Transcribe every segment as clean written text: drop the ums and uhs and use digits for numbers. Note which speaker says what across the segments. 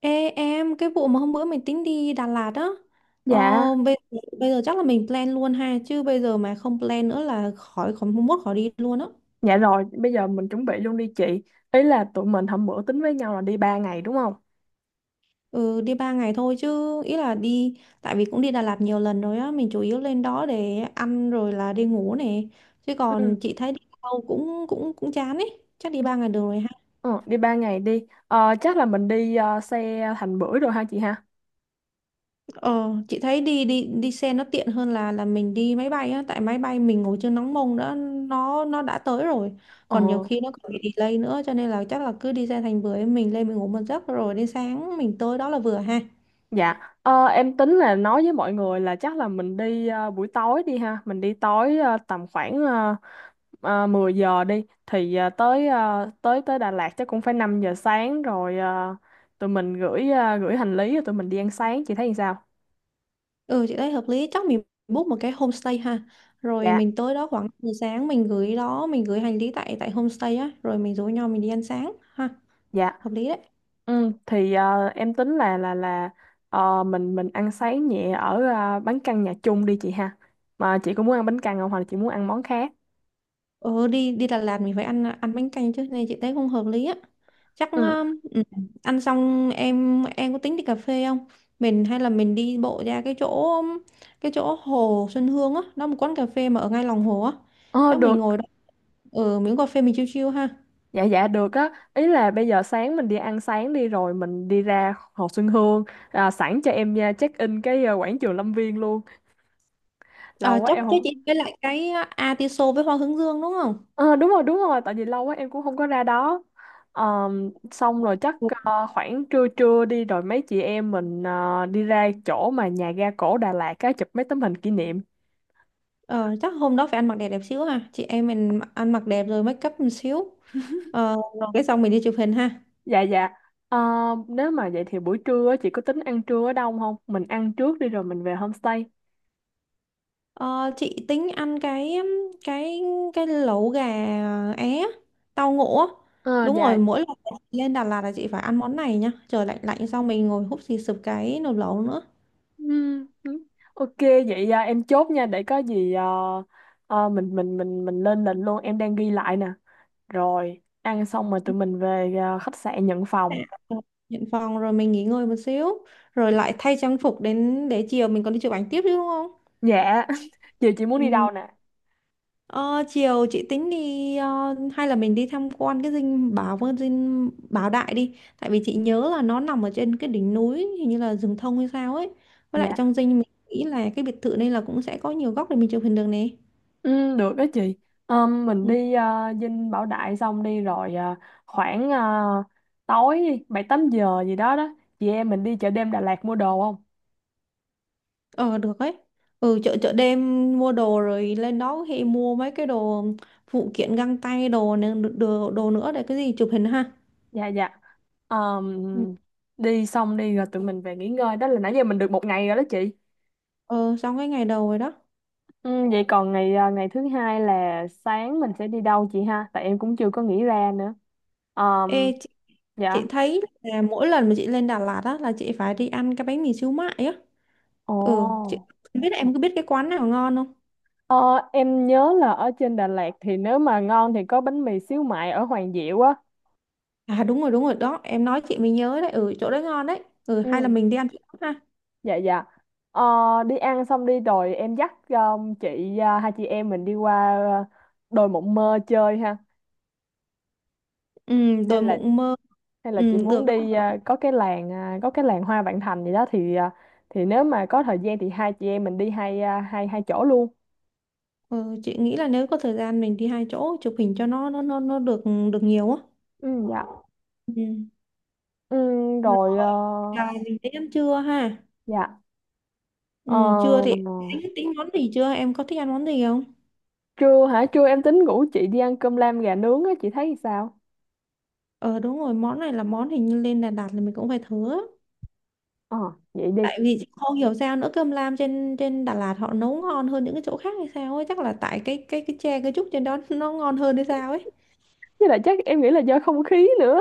Speaker 1: Ê em, cái vụ mà hôm bữa mình tính đi Đà Lạt á, ờ,
Speaker 2: Dạ,
Speaker 1: bây, bây giờ chắc là mình plan luôn ha, chứ bây giờ mà không plan nữa là khỏi khỏi mốt khỏi đi luôn á.
Speaker 2: dạ rồi, bây giờ mình chuẩn bị luôn đi chị. Ý là tụi mình hôm bữa tính với nhau là đi 3 ngày đúng không?
Speaker 1: Ừ, đi 3 ngày thôi chứ, tại vì cũng đi Đà Lạt nhiều lần rồi á, mình chủ yếu lên đó để ăn rồi là đi ngủ này. Chứ
Speaker 2: Ừ.
Speaker 1: còn chị thấy đi đâu cũng cũng cũng chán ấy, chắc đi 3 ngày được rồi ha.
Speaker 2: Ờ, đi 3 ngày đi. Ờ, chắc là mình đi xe Thành Bưởi rồi ha chị ha?
Speaker 1: Ờ, chị thấy đi đi đi xe nó tiện hơn là mình đi máy bay á, tại máy bay mình ngồi chưa nóng mông đã nó đã tới rồi.
Speaker 2: Ờ,
Speaker 1: Còn nhiều khi nó còn bị delay nữa, cho nên là chắc là cứ đi ra thành bưởi mình lên mình ngủ một giấc rồi đến sáng mình tới đó là vừa ha.
Speaker 2: dạ. Ờ, em tính là nói với mọi người là chắc là mình đi buổi tối đi ha. Mình đi tối tầm khoảng 10 giờ đi. Thì ờ, tới tới Đà Lạt chắc cũng phải 5 giờ sáng rồi, tụi mình gửi hành lý rồi tụi mình đi ăn sáng. Chị thấy như sao?
Speaker 1: Ừ, chị thấy hợp lý, chắc mình book một cái homestay ha. Rồi
Speaker 2: Dạ.
Speaker 1: mình tới đó khoảng 10 sáng mình gửi đó, mình gửi hành lý tại tại homestay á, rồi mình rủ nhau mình đi ăn sáng ha.
Speaker 2: Dạ.
Speaker 1: Hợp lý đấy.
Speaker 2: Ừ, thì em tính là mình ăn sáng nhẹ ở bánh căn nhà chung đi chị ha. Mà chị có muốn ăn bánh căn không hoặc là chị muốn ăn món khác?
Speaker 1: Ờ, đi đi Đà Lạt mình phải ăn ăn bánh canh chứ, nên chị thấy không hợp lý á. Chắc
Speaker 2: Ừ.
Speaker 1: ừ, ăn xong em có tính đi cà phê không, mình hay là mình đi bộ ra um, cái chỗ hồ Xuân Hương á, nó một quán cà phê mà ở ngay lòng hồ á,
Speaker 2: Ờ,
Speaker 1: chắc mình
Speaker 2: được.
Speaker 1: ngồi đó ở miếng cà phê mình chill chill ha.
Speaker 2: Dạ, dạ, được á. Ý là bây giờ sáng mình đi ăn sáng đi rồi mình đi ra Hồ Xuân Hương, à, sẵn cho em nha, check in cái quảng trường Lâm Viên luôn. Lâu
Speaker 1: À,
Speaker 2: quá
Speaker 1: chắc
Speaker 2: em
Speaker 1: chắc
Speaker 2: không.
Speaker 1: chị với lại cái atiso với hoa hướng dương đúng không.
Speaker 2: Ờ, đúng rồi, đúng rồi, tại vì lâu quá em cũng không có ra đó. Ờ, xong rồi chắc khoảng trưa trưa đi rồi mấy chị em mình đi ra chỗ mà nhà ga cổ Đà Lạt á, chụp mấy tấm hình kỷ niệm.
Speaker 1: Ờ, chắc hôm đó phải ăn mặc đẹp đẹp xíu ha, chị em mình ăn mặc đẹp rồi make up một xíu. Ờ, rồi cái xong mình đi chụp hình ha.
Speaker 2: Dạ, dạ. Ờ, nếu mà vậy thì buổi trưa á, chị có tính ăn trưa ở đâu không? Mình ăn trước đi rồi mình về homestay.
Speaker 1: Ờ, chị tính ăn cái cái cái lẩu gà é tàu ngũ á.
Speaker 2: Ờ,
Speaker 1: Đúng
Speaker 2: dạ.
Speaker 1: rồi, mỗi lần chị lên Đà Lạt là chị phải ăn món này nha, trời lạnh lạnh xong mình ngồi húp xì sụp cái nồi lẩu nữa.
Speaker 2: Ừm, ừm. Ok vậy à, em chốt nha, để có gì mình lên lịch luôn, em đang ghi lại nè. Rồi ăn xong rồi tụi mình về à, khách sạn nhận
Speaker 1: Dạ.
Speaker 2: phòng.
Speaker 1: Nhận phòng rồi mình nghỉ ngơi một xíu rồi lại thay trang phục đến để chiều mình còn đi chụp ảnh tiếp chứ đúng không.
Speaker 2: Dạ, chị muốn đi
Speaker 1: Ừ,
Speaker 2: đâu nè?
Speaker 1: ờ, chiều chị tính đi hay là mình đi tham quan cái dinh Bảo Đại đi, tại vì chị nhớ là nó nằm ở trên cái đỉnh núi hình như là rừng thông hay sao ấy, với lại
Speaker 2: Dạ,
Speaker 1: trong dinh mình nghĩ là cái biệt thự này là cũng sẽ có nhiều góc để mình chụp hình được nè.
Speaker 2: ừ, được đó chị. Mình
Speaker 1: Ừ,
Speaker 2: đi Dinh Bảo Đại xong đi rồi khoảng tối 7-8 giờ gì đó đó. Chị em mình đi chợ đêm Đà Lạt mua đồ không?
Speaker 1: ờ, được ấy. Ừ, chợ chợ đêm mua đồ rồi lên đó thì mua mấy cái đồ phụ kiện găng tay đồ, nữa để cái gì chụp hình ha.
Speaker 2: Dạ, dạ. Ờm,
Speaker 1: Ừ,
Speaker 2: Đi xong đi rồi tụi mình về nghỉ ngơi. Đó là nãy giờ mình được một ngày rồi đó chị.
Speaker 1: ờ xong cái ngày đầu rồi đó.
Speaker 2: Ừ, vậy còn ngày thứ hai là sáng mình sẽ đi đâu chị ha? Tại em cũng chưa có nghĩ ra nữa. Ờm,
Speaker 1: Ê,
Speaker 2: dạ.
Speaker 1: chị thấy là mỗi lần mà chị lên Đà Lạt á là chị phải đi ăn cái bánh mì xíu mại á.
Speaker 2: Ồ.
Speaker 1: Ừ, chị không biết em có biết cái quán nào ngon không.
Speaker 2: Ờ, em nhớ là ở trên Đà Lạt thì nếu mà ngon thì có bánh mì xíu mại ở Hoàng Diệu á.
Speaker 1: À đúng rồi đó, em nói chị mới nhớ đấy, ừ chỗ đấy ngon đấy. Ừ, hay là
Speaker 2: Ừ,
Speaker 1: mình đi ăn chỗ đó ha.
Speaker 2: dạ, dạ. Ờ, đi ăn xong đi rồi em dắt chị à, hai chị em mình đi qua à, đồi Mộng Mơ chơi ha.
Speaker 1: Ừ,
Speaker 2: Hay
Speaker 1: đồi
Speaker 2: là
Speaker 1: mộng mơ.
Speaker 2: hay là chị
Speaker 1: Ừ,
Speaker 2: muốn
Speaker 1: được
Speaker 2: đi
Speaker 1: á.
Speaker 2: à, có cái làng Hoa Vạn Thành gì đó thì thì nếu mà có thời gian thì hai chị em mình đi hai à, hai hai chỗ luôn.
Speaker 1: Ừ, chị nghĩ là nếu có thời gian mình đi hai chỗ chụp hình cho nó được được nhiều á.
Speaker 2: Ừ, dạ.
Speaker 1: Ừ,
Speaker 2: Ừ,
Speaker 1: rồi
Speaker 2: rồi
Speaker 1: là mình đến ăn trưa ha.
Speaker 2: dạ.
Speaker 1: Ừ,
Speaker 2: Ờ,
Speaker 1: trưa thì tính tính món gì chưa, em có thích ăn món gì không.
Speaker 2: trưa hả? Trưa em tính ngủ chị, đi ăn cơm lam gà nướng á, chị thấy sao?
Speaker 1: Ờ đúng rồi, món này là món hình như lên Đà Lạt là mình cũng phải thử á.
Speaker 2: Ờ, vậy đi.
Speaker 1: Tại vì chị không hiểu sao nữa, cơm lam trên trên Đà Lạt họ nấu ngon hơn những cái chỗ khác hay sao ấy, chắc là tại cái tre cái trúc trên đó nó ngon hơn hay sao ấy.
Speaker 2: Với lại chắc em nghĩ là do không khí nữa.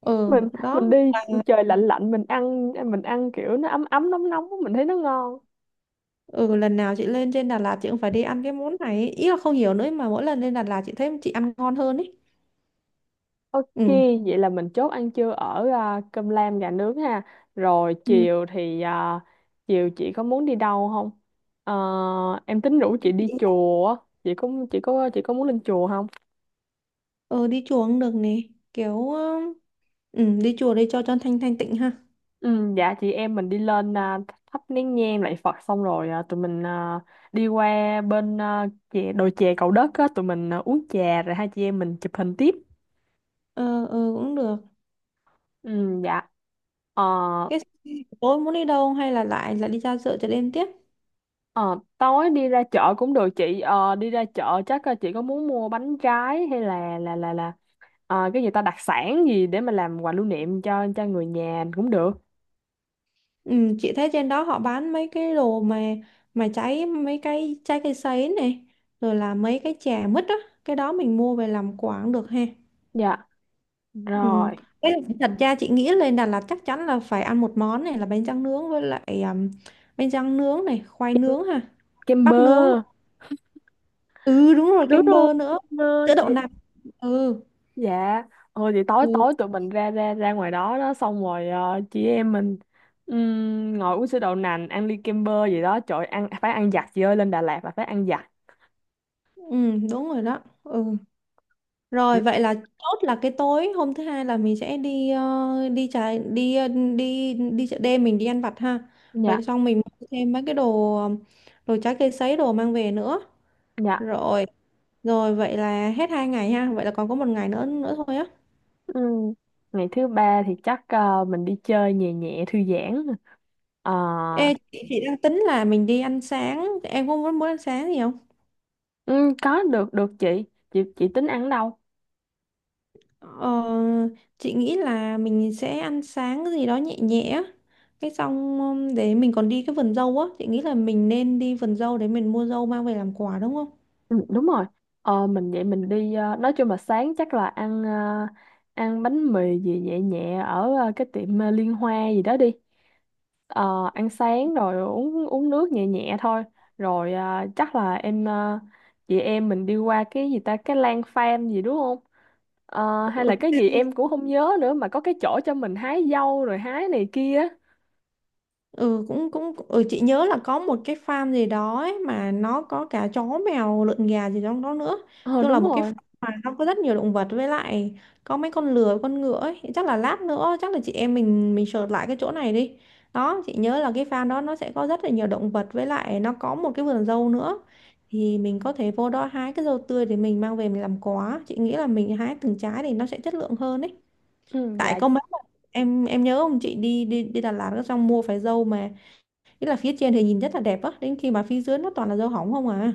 Speaker 1: Ừ
Speaker 2: Mình
Speaker 1: đó
Speaker 2: mình đi
Speaker 1: là,
Speaker 2: trời lạnh lạnh, mình ăn kiểu nó ấm ấm nóng nóng mình thấy nó ngon.
Speaker 1: ừ lần nào chị lên trên Đà Lạt chị cũng phải đi ăn cái món này ấy. Ý là không hiểu nữa mà mỗi lần lên Đà Lạt chị thấy chị ăn ngon hơn ấy.
Speaker 2: Ok,
Speaker 1: Ừ.
Speaker 2: vậy là mình chốt ăn trưa ở cơm lam gà nướng ha. Rồi
Speaker 1: Ừ.
Speaker 2: chiều thì chiều chị có muốn đi đâu không? Ờ, em tính rủ chị đi
Speaker 1: Chị-,
Speaker 2: chùa. Chị có muốn lên chùa không?
Speaker 1: ừ, đi chùa cũng được nè, kiểu ừ, đi chùa đi cho thanh thanh tịnh ha.
Speaker 2: Ừ, dạ, chị em mình đi lên à, thắp nén nhang lạy Phật xong rồi à, tụi mình à, đi qua bên à, đồi chè Cầu Đất á, tụi mình à, uống trà rồi hai chị em mình chụp hình tiếp.
Speaker 1: Ờ, ừ, cũng được.
Speaker 2: Ừ, dạ. Ờ,
Speaker 1: Cái tối muốn đi đâu hay là lại lại đi ra chợ chợ đêm tiếp.
Speaker 2: ờ, tối đi ra chợ cũng được chị. Ờ, đi ra chợ chắc chị có muốn mua bánh trái hay là cái gì ta đặc sản gì để mà làm quà lưu niệm cho người nhà cũng được.
Speaker 1: Ừ, chị thấy trên đó họ bán mấy cái đồ mà cháy mấy cái trái cây sấy này rồi là mấy cái chè mứt á, cái đó mình mua về làm quà cũng được ha.
Speaker 2: Dạ.
Speaker 1: Ừ.
Speaker 2: Rồi,
Speaker 1: Cái thật ra chị nghĩ lên Đà Lạt chắc chắn là phải ăn một món này là bánh tráng nướng, với lại bánh tráng nướng này khoai nướng ha,
Speaker 2: kem bơ.
Speaker 1: bắp nướng. Ừ đúng rồi,
Speaker 2: Đúng
Speaker 1: kem
Speaker 2: rồi,
Speaker 1: bơ nữa,
Speaker 2: kem bơ
Speaker 1: sữa
Speaker 2: chị.
Speaker 1: đậu nạc. Ừ.
Speaker 2: Dạ, thôi thì tối
Speaker 1: Ừ,
Speaker 2: tối tụi mình ra ra ra ngoài đó đó xong rồi chị em mình ngồi uống sữa đậu nành, ăn ly kem bơ gì đó, trời ơi, ăn phải ăn giặt chị ơi, lên Đà Lạt là phải ăn giặt.
Speaker 1: ừ đúng rồi đó ừ. Rồi vậy là chốt là cái tối hôm thứ hai là mình sẽ đi ờ, đi trái đi ờ, đi đi chợ đêm mình đi ăn vặt ha.
Speaker 2: Dạ,
Speaker 1: Rồi xong mình mua thêm mấy cái đồ đồ trái cây sấy đồ mang về nữa.
Speaker 2: dạ.
Speaker 1: Rồi Rồi vậy là hết hai ngày ha. Vậy là còn có một ngày nữa nữa thôi á.
Speaker 2: Ừm, Ngày thứ ba thì chắc mình đi chơi nhẹ nhẹ thư giãn. Ờ,
Speaker 1: Ê chị đang tính là mình đi ăn sáng. Em có muốn muốn ăn sáng gì không?
Speaker 2: có được, được chị. Chị tính ăn ở đâu?
Speaker 1: Ờ, chị nghĩ là mình sẽ ăn sáng cái gì đó nhẹ nhẹ á. Cái xong để mình còn đi cái vườn dâu á, chị nghĩ là mình nên đi vườn dâu để mình mua dâu mang về làm quà đúng không.
Speaker 2: Ừ, đúng rồi. Ờ, mình vậy mình đi nói chung là sáng chắc là ăn, ăn bánh mì gì nhẹ nhẹ ở cái tiệm Liên Hoa gì đó đi. Ờ, ăn sáng rồi uống uống nước nhẹ nhẹ thôi rồi chắc là em chị em mình đi qua cái gì ta cái lan farm gì đúng không? Ờ, hay là cái
Speaker 1: Ok,
Speaker 2: gì em cũng không nhớ nữa mà có cái chỗ cho mình hái dâu rồi hái này kia á.
Speaker 1: ừ cũng cũng ừ, chị nhớ là có một cái farm gì đó ấy, mà nó có cả chó mèo lợn gà gì trong đó nữa.
Speaker 2: Ờ,
Speaker 1: Chung
Speaker 2: đúng
Speaker 1: là một cái farm
Speaker 2: rồi.
Speaker 1: mà nó có rất nhiều động vật, với lại có mấy con lừa con ngựa ấy, chắc là lát nữa chắc là chị em mình search lại cái chỗ này đi. Đó, chị nhớ là cái farm đó nó sẽ có rất là nhiều động vật, với lại nó có một cái vườn dâu nữa, thì mình có thể vô đó hái cái dâu tươi để mình mang về mình làm quà, chị nghĩ là mình hái từng trái thì nó sẽ chất lượng hơn ấy.
Speaker 2: Ừ,
Speaker 1: Tại
Speaker 2: dạ,
Speaker 1: có
Speaker 2: dạ.
Speaker 1: mấy em nhớ không, chị đi đi đi Đà Lạt xong mua phải dâu mà nghĩa là phía trên thì nhìn rất là đẹp á, đến khi mà phía dưới nó toàn là dâu hỏng không à.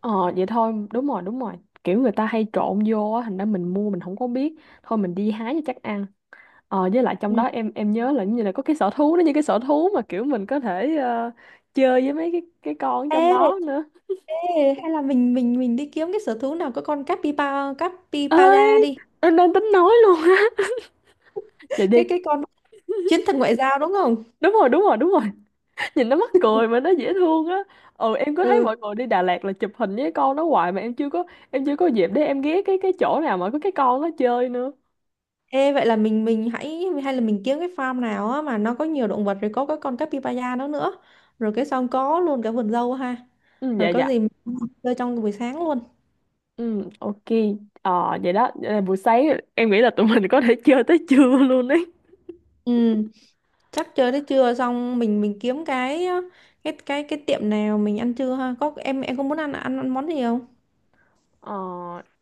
Speaker 2: Ờ vậy thôi, đúng rồi, đúng rồi. Kiểu người ta hay trộn vô á, thành ra mình mua mình không có biết. Thôi mình đi hái cho chắc ăn. Ờ với lại trong đó
Speaker 1: Ừ.
Speaker 2: em nhớ là như là có cái sở thú, nó như cái sở thú mà kiểu mình có thể chơi với mấy cái con trong
Speaker 1: Ê,
Speaker 2: đó nữa.
Speaker 1: ê, hay là mình đi kiếm cái sở thú nào có con capybara capybara
Speaker 2: Ơi,
Speaker 1: đi.
Speaker 2: em đang tính nói luôn á. Vậy đi.
Speaker 1: Cái con chiến thần ngoại giao đúng không?
Speaker 2: Đúng rồi, đúng rồi, đúng rồi. Nhìn nó mắc cười mà nó dễ thương á. Ừ, em cứ thấy
Speaker 1: Ừ.
Speaker 2: mọi người đi Đà Lạt là chụp hình với con nó hoài mà em chưa có. Em chưa có dịp để em ghé cái chỗ nào mà có cái con nó chơi nữa.
Speaker 1: Ê vậy là mình hay là mình kiếm cái farm nào á mà nó có nhiều động vật rồi có cái con capybara đó nữa. Rồi cái xong có luôn cả vườn dâu ha.
Speaker 2: Ừ, dạ,
Speaker 1: Rồi có
Speaker 2: dạ.
Speaker 1: gì mình chơi trong buổi sáng luôn.
Speaker 2: Ừ, ok. Ờ vậy đó, vậy là buổi sáng em nghĩ là tụi mình có thể chơi tới trưa luôn đấy.
Speaker 1: Ừ, chắc chơi tới trưa xong mình kiếm cái cái tiệm nào mình ăn trưa ha. Có em có muốn ăn ăn, ăn món gì không?
Speaker 2: Ờ,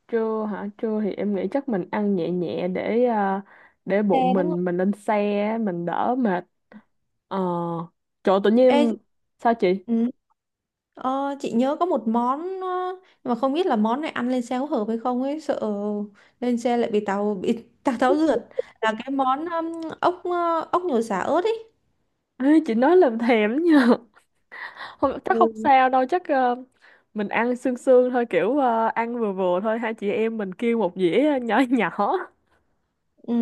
Speaker 2: trưa hả, trưa thì em nghĩ chắc mình ăn nhẹ nhẹ để để
Speaker 1: Chè
Speaker 2: bụng
Speaker 1: đúng không?
Speaker 2: mình lên xe mình đỡ mệt. Ờ, trời ơi, tự
Speaker 1: Ê,
Speaker 2: nhiên sao chị.
Speaker 1: ừ, ờ, chị nhớ có một món ờ, nhưng mà không biết là món này ăn lên xe có hợp hay không ấy, sợ lên xe lại bị tàu bị tàu tháo rượt, là cái món ốc ốc nhồi sả ớt ấy.
Speaker 2: Ê, chị nói làm thèm nha. Không, chắc không
Speaker 1: Ừ.
Speaker 2: sao đâu chắc, mình ăn sương sương thôi kiểu, ăn vừa vừa thôi, hai chị em mình kêu một dĩa nhỏ nhỏ.
Speaker 1: Ừ,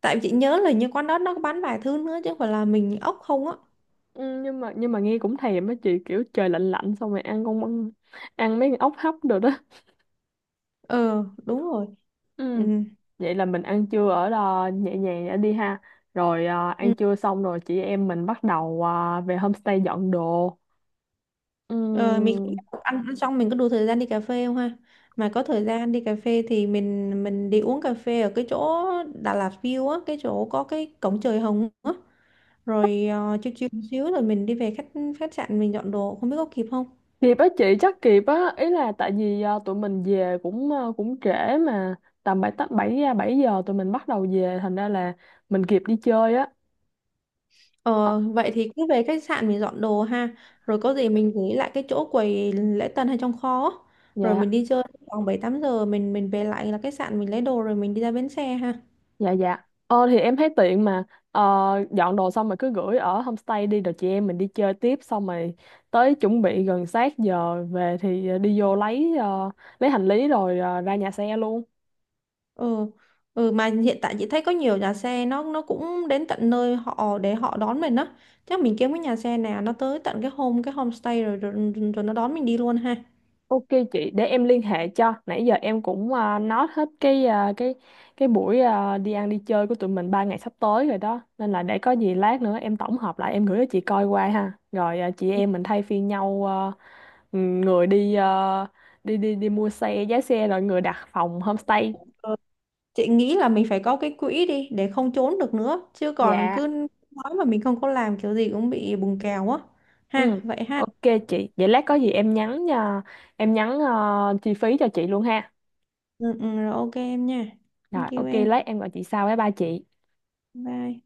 Speaker 1: tại chị nhớ là như quán đó nó có bán vài thứ nữa chứ không phải là mình ốc không á.
Speaker 2: Ừ, nhưng mà nghe cũng thèm á chị, kiểu trời lạnh lạnh xong rồi ăn mấy con ốc hấp được đó
Speaker 1: Ờ đúng rồi. Ừ.
Speaker 2: ừ. Vậy là mình ăn trưa ở đó nhẹ nhàng đã đi ha. Rồi ăn
Speaker 1: Ừ.
Speaker 2: trưa xong rồi chị em mình bắt đầu về homestay dọn đồ. Ừ.
Speaker 1: Ờ, mình cũng ăn ăn xong mình có đủ thời gian đi cà phê không ha? Mà có thời gian đi cà phê thì mình đi uống cà phê ở cái chỗ Đà Lạt View á, cái chỗ có cái cổng trời hồng á. Rồi ờ, chill chill một xíu rồi mình đi về khách khách sạn mình dọn đồ, không biết có kịp không?
Speaker 2: Kịp á chị, chắc kịp á, ý là tại vì tụi mình về cũng cũng trễ mà tầm bảy tám bảy à, 7 giờ tụi mình bắt đầu về, thành ra là mình kịp đi chơi á. Ờ,
Speaker 1: Ờ, vậy thì cứ về khách sạn mình dọn đồ ha. Rồi có gì mình gửi lại cái chỗ quầy lễ tân hay trong kho á. Rồi mình
Speaker 2: dạ,
Speaker 1: đi chơi khoảng 7 8 giờ mình về lại là khách sạn mình lấy đồ rồi mình đi ra bến xe ha.
Speaker 2: dạ, dạ. Ờ thì em thấy tiện mà, ờ, dọn đồ xong rồi cứ gửi ở homestay đi rồi chị em mình đi chơi tiếp, xong rồi tới chuẩn bị gần sát giờ về thì đi vô lấy hành lý rồi ra nhà xe luôn.
Speaker 1: Ừ. Ừ mà hiện tại chị thấy có nhiều nhà xe nó cũng đến tận nơi họ để họ đón mình á. Chắc mình kiếm cái nhà xe nào nó tới tận cái cái homestay rồi, rồi nó đón mình đi luôn ha.
Speaker 2: Ok chị, để em liên hệ cho. Nãy giờ em cũng nói hết cái cái buổi đi ăn đi chơi của tụi mình 3 ngày sắp tới rồi đó. Nên là để có gì lát nữa em tổng hợp lại, em gửi cho chị coi qua ha. Rồi chị em mình thay phiên nhau à, người đi à, đi đi đi mua xe, giá xe, rồi người đặt phòng homestay.
Speaker 1: Ờ, chị nghĩ là mình phải có cái quỹ đi để không trốn được nữa, chứ còn
Speaker 2: Dạ.
Speaker 1: cứ nói mà mình không có làm kiểu gì cũng bị bùng kèo á. Ha,
Speaker 2: Ừ,
Speaker 1: vậy ha.
Speaker 2: ok chị. Vậy lát có gì em nhắn chi phí cho chị luôn ha.
Speaker 1: Ừ, ừ, rồi ok em nha.
Speaker 2: Rồi
Speaker 1: Thank you
Speaker 2: ok,
Speaker 1: em.
Speaker 2: lát em gọi chị sau với ba chị.
Speaker 1: Bye.